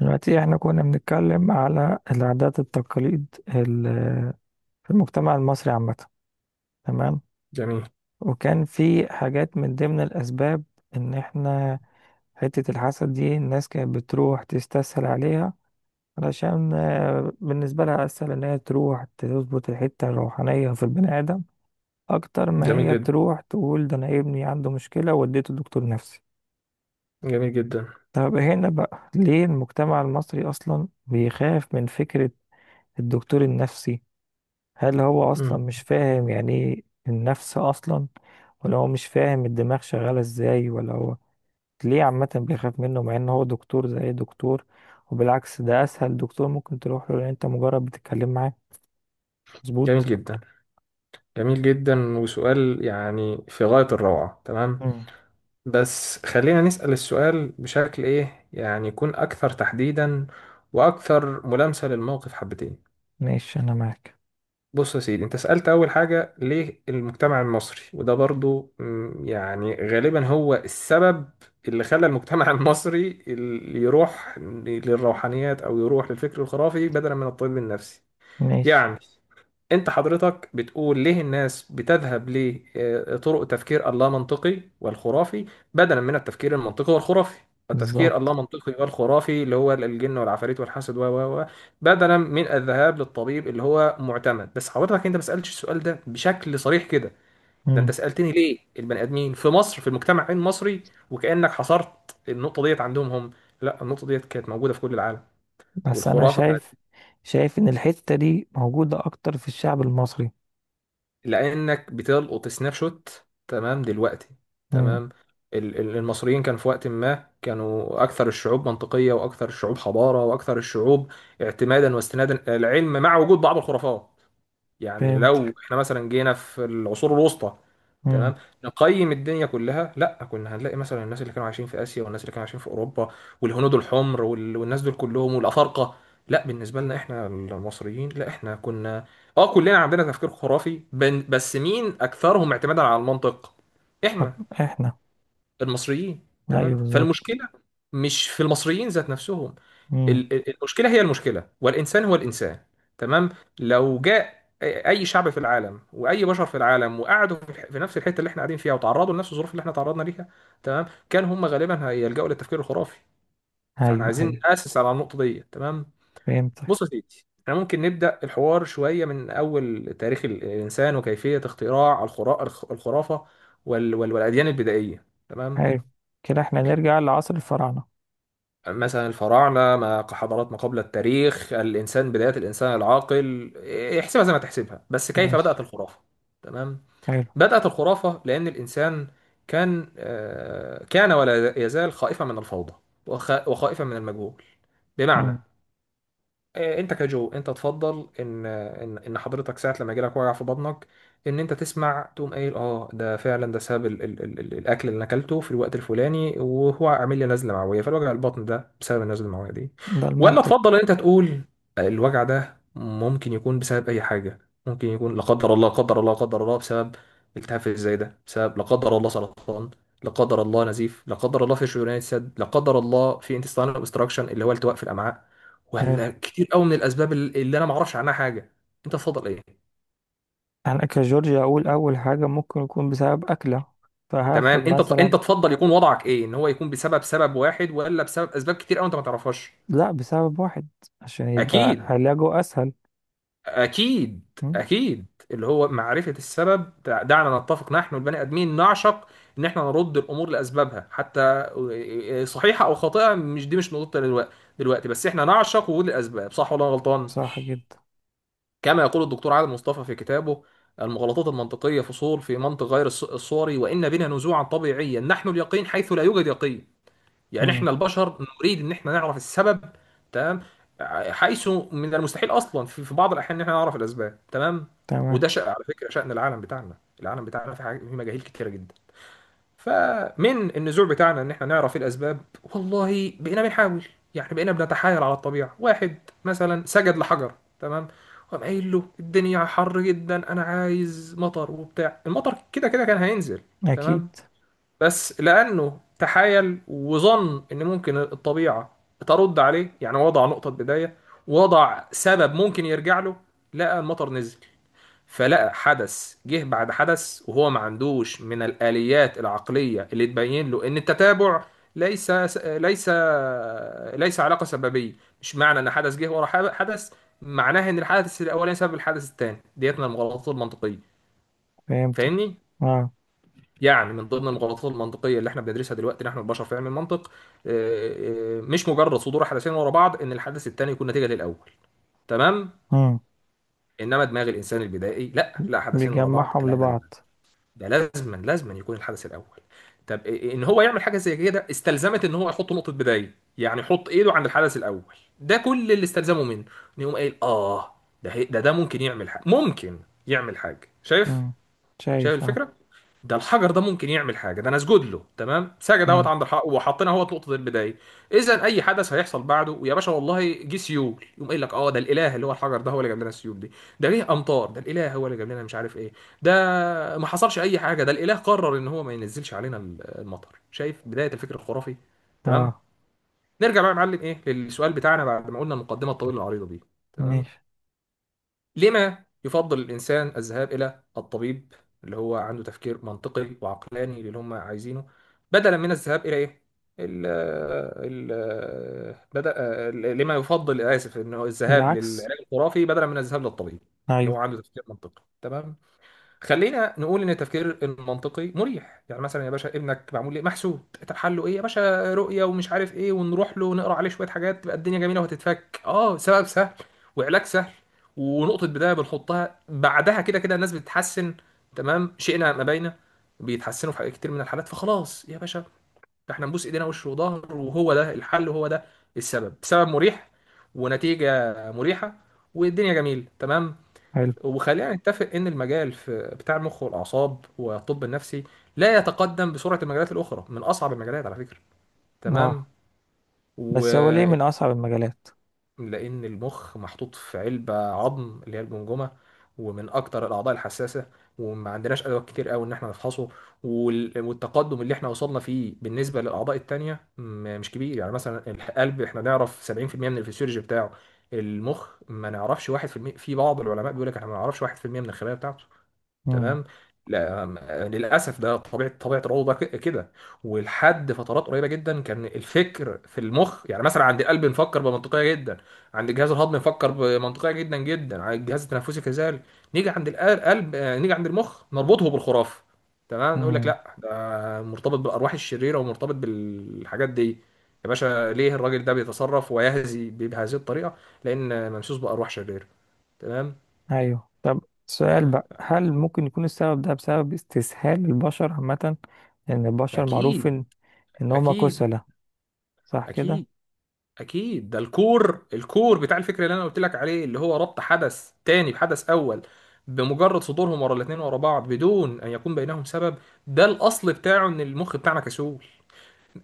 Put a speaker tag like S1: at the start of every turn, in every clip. S1: دلوقتي احنا كنا بنتكلم على العادات التقاليد في المجتمع المصري عامة. تمام.
S2: جميل.
S1: وكان في حاجات من ضمن الأسباب إن احنا حتة الحسد دي الناس كانت بتروح تستسهل عليها علشان بالنسبة لها أسهل إن هي تروح تظبط الحتة الروحانية في البني آدم أكتر ما
S2: جميل
S1: هي
S2: جدا.
S1: تروح تقول ده أنا ابني عنده مشكلة وديته دكتور نفسي.
S2: جميل جدا.
S1: طب هنا بقى ليه المجتمع المصري أصلا بيخاف من فكرة الدكتور النفسي؟ هل هو اصلا
S2: مم.
S1: مش فاهم يعني ايه النفس اصلا؟ ولا هو مش فاهم الدماغ شغالة ازاي، ولا هو ليه عامة بيخاف منه مع ان هو دكتور زي أي دكتور؟ وبالعكس ده اسهل دكتور ممكن تروح له لان انت مجرد بتتكلم معاه.
S2: جميل
S1: مظبوط.
S2: جدا. جميل جدا وسؤال يعني في غاية الروعة. تمام،
S1: مم.
S2: بس خلينا نسأل السؤال بشكل ايه يعني يكون اكثر تحديدا واكثر ملامسة للموقف حبتين.
S1: ماشي، انا معاك.
S2: بص يا سيدي، انت سألت اول حاجة ليه المجتمع المصري، وده برضو يعني غالبا هو السبب اللي خلى المجتمع المصري اللي يروح للروحانيات او يروح للفكر الخرافي بدلا من الطب النفسي.
S1: ماشي.
S2: يعني انت حضرتك بتقول ليه الناس بتذهب لطرق تفكير اللا منطقي والخرافي بدلا من التفكير المنطقي والخرافي، التفكير اللا
S1: بالظبط.
S2: منطقي والخرافي اللي هو الجن والعفاريت والحسد و بدلا من الذهاب للطبيب اللي هو معتمد. بس حضرتك انت ما سألتش السؤال ده بشكل صريح كده، ده انت
S1: مم.
S2: سألتني ليه البني ادمين في مصر، في المجتمع المصري، وكأنك حصرت النقطة ديت عندهم هم. لا، النقطة ديت كانت موجودة في كل العالم
S1: بس انا
S2: والخرافة،
S1: شايف ان الحتة دي موجودة اكتر في الشعب المصري.
S2: لانك بتلقط سناب شوت تمام دلوقتي.
S1: مم.
S2: تمام، المصريين كان في وقت ما كانوا اكثر الشعوب منطقيه واكثر الشعوب حضاره واكثر الشعوب اعتمادا واستنادا العلم، مع وجود بعض الخرافات. يعني لو
S1: فهمتك.
S2: احنا مثلا جينا في العصور الوسطى،
S1: مم.
S2: تمام، نقيم الدنيا كلها، لا، كنا هنلاقي مثلا الناس اللي كانوا عايشين في اسيا والناس اللي كانوا عايشين في اوروبا والهنود الحمر والناس دول كلهم والافارقه، لا، بالنسبه لنا احنا المصريين، لا، احنا كنا اه، كلنا عندنا تفكير خرافي، بس مين اكثرهم اعتمادا على المنطق؟ احنا
S1: احنا.
S2: المصريين. تمام،
S1: ايوه بالظبط.
S2: فالمشكله مش في المصريين ذات نفسهم،
S1: مم.
S2: المشكله هي المشكله، والانسان هو الانسان. تمام، لو جاء اي شعب في العالم واي بشر في العالم وقعدوا في في نفس الحته اللي احنا قاعدين فيها وتعرضوا لنفس الظروف اللي احنا تعرضنا ليها، تمام، كان هم غالبا هيلجأوا للتفكير الخرافي. فاحنا
S1: ايوه،
S2: عايزين
S1: ايوه.
S2: نأسس على النقطه دي. تمام،
S1: فهمت.
S2: بص يا سيدي، احنا ممكن نبدأ الحوار شويه من اول تاريخ الانسان وكيفيه اختراع الخرافه والاديان البدائيه. تمام،
S1: حلو. كده احنا نرجع لعصر الفراعنة.
S2: مثلا الفراعنة ما كحضارات ما قبل التاريخ، الإنسان، بداية الإنسان العاقل، احسبها زي ما تحسبها، بس كيف
S1: ماشي.
S2: بدأت الخرافة؟ تمام،
S1: حلو.
S2: بدأت الخرافة لأن الإنسان كان كان ولا يزال خائفا من الفوضى، وخائفا من المجهول. بمعنى
S1: مم.
S2: انت كجو، انت تفضل ان حضرتك ساعه لما يجيلك وجع في بطنك، ان انت تسمع تقوم قايل اه ده فعلا ده سبب الاكل اللي انا اكلته في الوقت الفلاني وهو عامل لي نزله معويه، فالوجع البطن ده بسبب النزله المعويه دي،
S1: ده
S2: ولا تفضل
S1: المنطق.
S2: ان انت تقول الوجع ده ممكن يكون بسبب اي حاجه؟ ممكن يكون لا قدر الله، لا قدر الله، لا قدر الله، بسبب التهاب في الزايده، بسبب لا قدر الله سرطان، لا قدر الله نزيف، لا قدر الله في شريان السد، لا قدر الله في انتستان اوبستراكشن اللي هو التواء في الامعاء،
S1: حلو.
S2: ولا كتير قوي من الاسباب اللي انا ما اعرفش عنها حاجه؟ انت تفضل ايه؟
S1: انا كجورجيا اقول اول حاجة ممكن يكون بسبب اكلة،
S2: تمام،
S1: فهاخد مثلا.
S2: انت تفضل يكون وضعك ايه؟ ان هو يكون بسبب سبب واحد، ولا بسبب اسباب كتير قوي انت ما تعرفهاش؟
S1: لا، بسبب واحد عشان يبقى
S2: اكيد،
S1: علاجه اسهل.
S2: اكيد،
S1: مم.
S2: اكيد، اللي هو معرفه السبب. دعنا نتفق، نحن البني ادمين نعشق ان احنا نرد الامور لاسبابها، حتى صحيحه او خاطئه، مش دي مش نقطه دلوقتي، دلوقتي بس احنا نعشق وجود الاسباب، صح ولا أنا غلطان؟
S1: صح جدا.
S2: كما يقول الدكتور عادل مصطفى في كتابه المغالطات المنطقية، فصول في منطق غير الصوري: وإن بنا نزوعا طبيعيا نحن اليقين حيث لا يوجد يقين. يعني
S1: مم.
S2: احنا البشر نريد ان احنا نعرف السبب. تمام، حيث من المستحيل اصلا في بعض الاحيان ان احنا نعرف الاسباب. تمام،
S1: تمام.
S2: وده شأن، على فكرة، شأن العالم بتاعنا، العالم بتاعنا في حاجة، في مجاهيل كتيرة جدا. فمن النزوع بتاعنا ان احنا نعرف الاسباب، والله بقينا بنحاول، يعني بقينا بنتحايل على الطبيعه. واحد مثلا سجد لحجر، تمام، وقام قايل له الدنيا حر جدا انا عايز مطر، وبتاع، المطر كده كده كان هينزل،
S1: اكيد.
S2: تمام، بس لانه تحايل وظن ان ممكن الطبيعه ترد عليه، يعني وضع نقطه بدايه، وضع سبب ممكن يرجع له، لقى المطر نزل، فلقى حدث جه بعد حدث، وهو ما عندوش من الآليات العقلية اللي تبين له إن التتابع ليس، ليس، ليس علاقة سببية. مش معنى إن حدث جه ورا حدث معناه إن الحدث الأولاني سبب الحدث الثاني، ديت من المغالطات المنطقية.
S1: فهمتك.
S2: فاهمني؟
S1: اه.
S2: يعني من ضمن المغالطات المنطقية اللي احنا بندرسها دلوقتي نحن البشر في علم المنطق مش مجرد صدور حدثين ورا بعض إن الحدث الثاني يكون نتيجة للأول. تمام؟
S1: مم.
S2: إنما دماغ الإنسان البدائي، لا لا، حدثين ورا بعض،
S1: بيجمعهم
S2: لا لا لا،
S1: لبعض.
S2: ده لازما لازما يكون الحدث الاول. طب إيه ان هو يعمل حاجه زي كده؟ استلزمت ان هو يحط نقطه بدايه، يعني يحط ايده عند الحدث الاول، ده كل اللي استلزمه منه، ان يقوم قايل اه، ده هي- ده ده ممكن يعمل حاجه، ممكن يعمل حاجه، شايف؟
S1: مم.
S2: شايف
S1: شايف، اه.
S2: الفكره؟ ده الحجر ده ممكن يعمل حاجه، ده انا اسجد له، تمام، سجد اهوت
S1: مم.
S2: عند الحق، وحطينا اهوت نقطه البدايه، اذا اي حدث هيحصل بعده، ويا باشا والله جه سيول، يقوم قايل لك اه ده الاله اللي هو الحجر ده هو اللي جاب لنا السيول دي، ده جه امطار ده الاله هو اللي جاب لنا مش عارف ايه، ده ما حصلش اي حاجه ده الاله قرر ان هو ما ينزلش علينا المطر، شايف بدايه الفكر الخرافي؟ تمام،
S1: اه.
S2: نرجع بقى يا معلم ايه للسؤال بتاعنا بعد ما قلنا المقدمه الطويله العريضه دي. تمام،
S1: ماشي.
S2: لما يفضل الإنسان الذهاب إلى الطبيب اللي هو عنده تفكير منطقي وعقلاني للي هم عايزينه، بدلا من الذهاب إلى إيه؟ ال ال بدأ لما يفضل، آسف، إنه الذهاب
S1: العكس.
S2: للعلاج الخرافي بدلا من الذهاب للطبيب اللي هو
S1: ايوه.
S2: عنده تفكير منطقي، تمام. خلينا نقول ان التفكير المنطقي مريح، يعني مثلا يا باشا ابنك معمول ليه، محسود، طب حله ايه يا باشا؟ رؤيه ومش عارف ايه، ونروح له نقرا عليه شويه حاجات تبقى الدنيا جميله وهتتفك، اه سبب سهل وعلاج سهل، ونقطه بدايه بنحطها، بعدها كده كده الناس بتتحسن، تمام، شئنا ما بينا بيتحسنوا في حاجات كتير من الحالات، فخلاص يا باشا، ده احنا نبوس ايدينا وش وظهر، وهو ده الحل وهو ده السبب، سبب مريح ونتيجه مريحه والدنيا جميله. تمام،
S1: حلو.
S2: وخلينا نتفق ان المجال في بتاع المخ والاعصاب والطب النفسي لا يتقدم بسرعه المجالات الاخرى، من اصعب المجالات على فكره. تمام،
S1: اه.
S2: و
S1: بس هو ليه من اصعب المجالات؟
S2: لان المخ محطوط في علبه عظم اللي هي الجمجمه، ومن اكتر الاعضاء الحساسه، وما عندناش ادوات كتير قوي ان احنا نفحصه، والتقدم اللي احنا وصلنا فيه بالنسبه للاعضاء التانيه مش كبير. يعني مثلا القلب احنا نعرف 70% من الفسيولوجي بتاعه، المخ ما نعرفش 1% في المية. في بعض العلماء بيقول لك احنا ما نعرفش 1% من الخلايا بتاعته.
S1: مم.
S2: تمام، لا للاسف ده طبيعه، طبيعه الروضه كده. ولحد فترات قريبه جدا كان الفكر في المخ، يعني مثلا عند القلب نفكر بمنطقيه جدا، عند الجهاز الهضمي نفكر بمنطقيه جدا جدا، عند الجهاز التنفسي كذلك، نيجي عند القلب، نيجي عند المخ نربطه بالخرافه. تمام، نقول لك
S1: مم.
S2: لا ده مرتبط بالارواح الشريره ومرتبط بالحاجات دي. يا باشا ليه الراجل ده بيتصرف ويهزي بهذه الطريقه؟ لان ممسوس بارواح شريره، تمام.
S1: ايوه، طب. سؤال
S2: تمام،
S1: بقى، هل ممكن يكون السبب ده بسبب استسهال البشر عامة؟ لأن البشر معروف
S2: اكيد،
S1: إن هما
S2: اكيد،
S1: كسلة. صح كده؟
S2: اكيد، اكيد ده الكور، الكور بتاع الفكره اللي انا قلت لك عليه، اللي هو ربط حدث تاني بحدث اول بمجرد صدورهم ورا الاثنين ورا بعض بدون ان يكون بينهم سبب. ده الاصل بتاعه ان المخ بتاعنا كسول،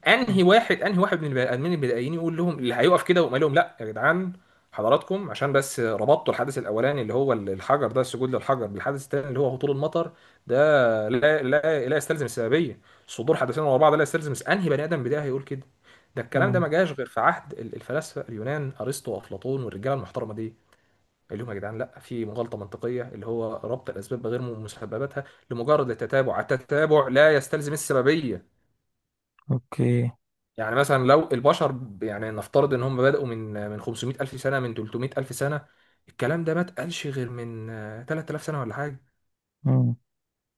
S2: انهي واحد، انهي واحد من البني ادمين البدائيين يقول لهم، اللي هيقف كده ويقول لهم لا يا جدعان حضراتكم عشان بس ربطتوا الحدث الاولاني اللي هو الحجر ده، السجود للحجر، بالحدث الثاني اللي هو هطول المطر، ده لا لا لا يستلزم السببيه، صدور حدثين ورا بعض لا يستلزم. انهي بني ادم بدائي هيقول كده؟ ده الكلام ده
S1: امم.
S2: ما جاش غير في عهد الفلاسفه اليونان، ارسطو وافلاطون والرجاله المحترمه دي، اللي هم يا جدعان لا، في مغالطه منطقيه اللي هو ربط الاسباب بغير مسبباتها لمجرد التتابع، التتابع لا يستلزم السببيه.
S1: أوكي.
S2: يعني مثلا لو البشر يعني نفترض ان هم بدأوا من 500 الف سنه، من 300 الف سنه، الكلام ده ما اتقالش غير من 3000 سنه ولا حاجه.
S1: امم.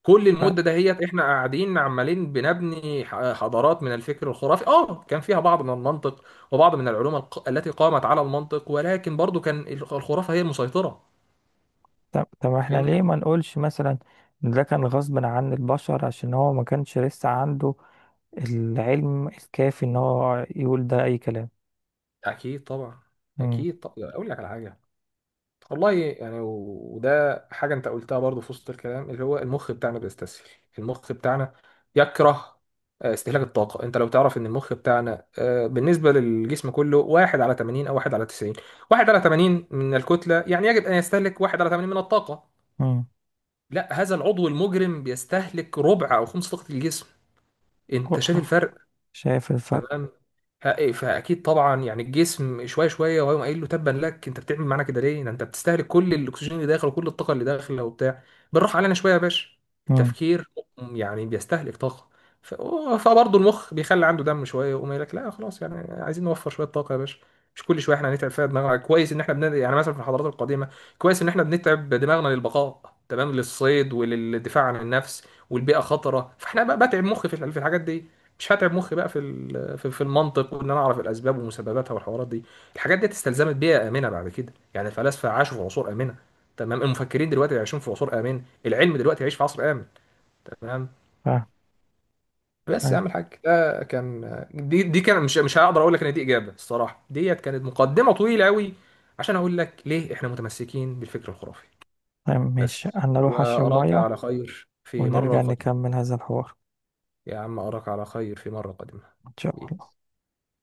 S2: كل
S1: ف-
S2: المده دهيت احنا قاعدين عمالين بنبني حضارات من الفكر الخرافي، اه كان فيها بعض من المنطق وبعض من العلوم التي قامت على المنطق، ولكن برضو كان الخرافه هي المسيطره.
S1: طب إحنا ليه
S2: فاهمني؟
S1: ما نقولش مثلا إن ده كان غصب عن البشر عشان هو ما كانش لسه عنده العلم الكافي إن هو يقول ده أي كلام.
S2: اكيد طبعا.
S1: امم.
S2: اكيد طبعا، اقول لك على حاجه، والله، يعني وده حاجة أنت قلتها برضو في وسط الكلام، اللي هو المخ بتاعنا بيستسهل، المخ بتاعنا يكره استهلاك الطاقة. أنت لو تعرف إن المخ بتاعنا بالنسبة للجسم كله واحد على 80 أو واحد على 90، واحد على 80 من الكتلة، يعني يجب أن يستهلك واحد على 80 من الطاقة،
S1: امم.
S2: لا، هذا العضو المجرم بيستهلك ربع أو خمس طاقة الجسم. أنت شايف
S1: اقرأ.
S2: الفرق؟
S1: شايف الفرق.
S2: تمام، فاكيد طبعا، يعني الجسم شويه شويه وهيقوم قايل له تبا لك انت بتعمل معانا كده ليه، ده انت بتستهلك كل الاكسجين اللي داخل وكل الطاقه اللي داخله وبتاع، بالراحه علينا شويه يا باشا.
S1: امم.
S2: التفكير يعني بيستهلك طاقه، ف- فبرضه المخ بيخلي عنده دم شويه ويقوم قايل لك لا خلاص، يعني عايزين نوفر شويه طاقه يا باشا، مش كل شويه احنا هنتعب فيها دماغنا. كويس ان احنا بن... يعني مثلا في الحضارات القديمه كويس ان احنا بنتعب دماغنا للبقاء، تمام، للصيد وللدفاع عن النفس والبيئه خطره، فاحنا بقى بتعب مخي في في الحاجات دي، مش هتعب مخي بقى في في المنطق وان انا اعرف الاسباب ومسبباتها والحوارات دي. الحاجات دي استلزمت بيئه امنه، بعد كده يعني الفلاسفه عاشوا في عصور امنه، تمام، المفكرين دلوقتي عايشين في عصور امان، العلم دلوقتي يعيش في عصر امن، تمام.
S1: فاهم.
S2: بس يا عم الحاج ده كان، دي كان، مش هقدر اقول لك ان دي اجابه، الصراحه ديت كانت مقدمه طويله قوي عشان اقول لك ليه احنا متمسكين بالفكر الخرافي.
S1: فاهم. ماشي،
S2: بس
S1: أنا أروح أشرب
S2: واراك
S1: مية
S2: على خير في مره
S1: ونرجع
S2: قادمه.
S1: نكمل هذا الحوار.
S2: يا عم اراك على خير في مره قادمه.
S1: إن شاء
S2: بيه.
S1: الله.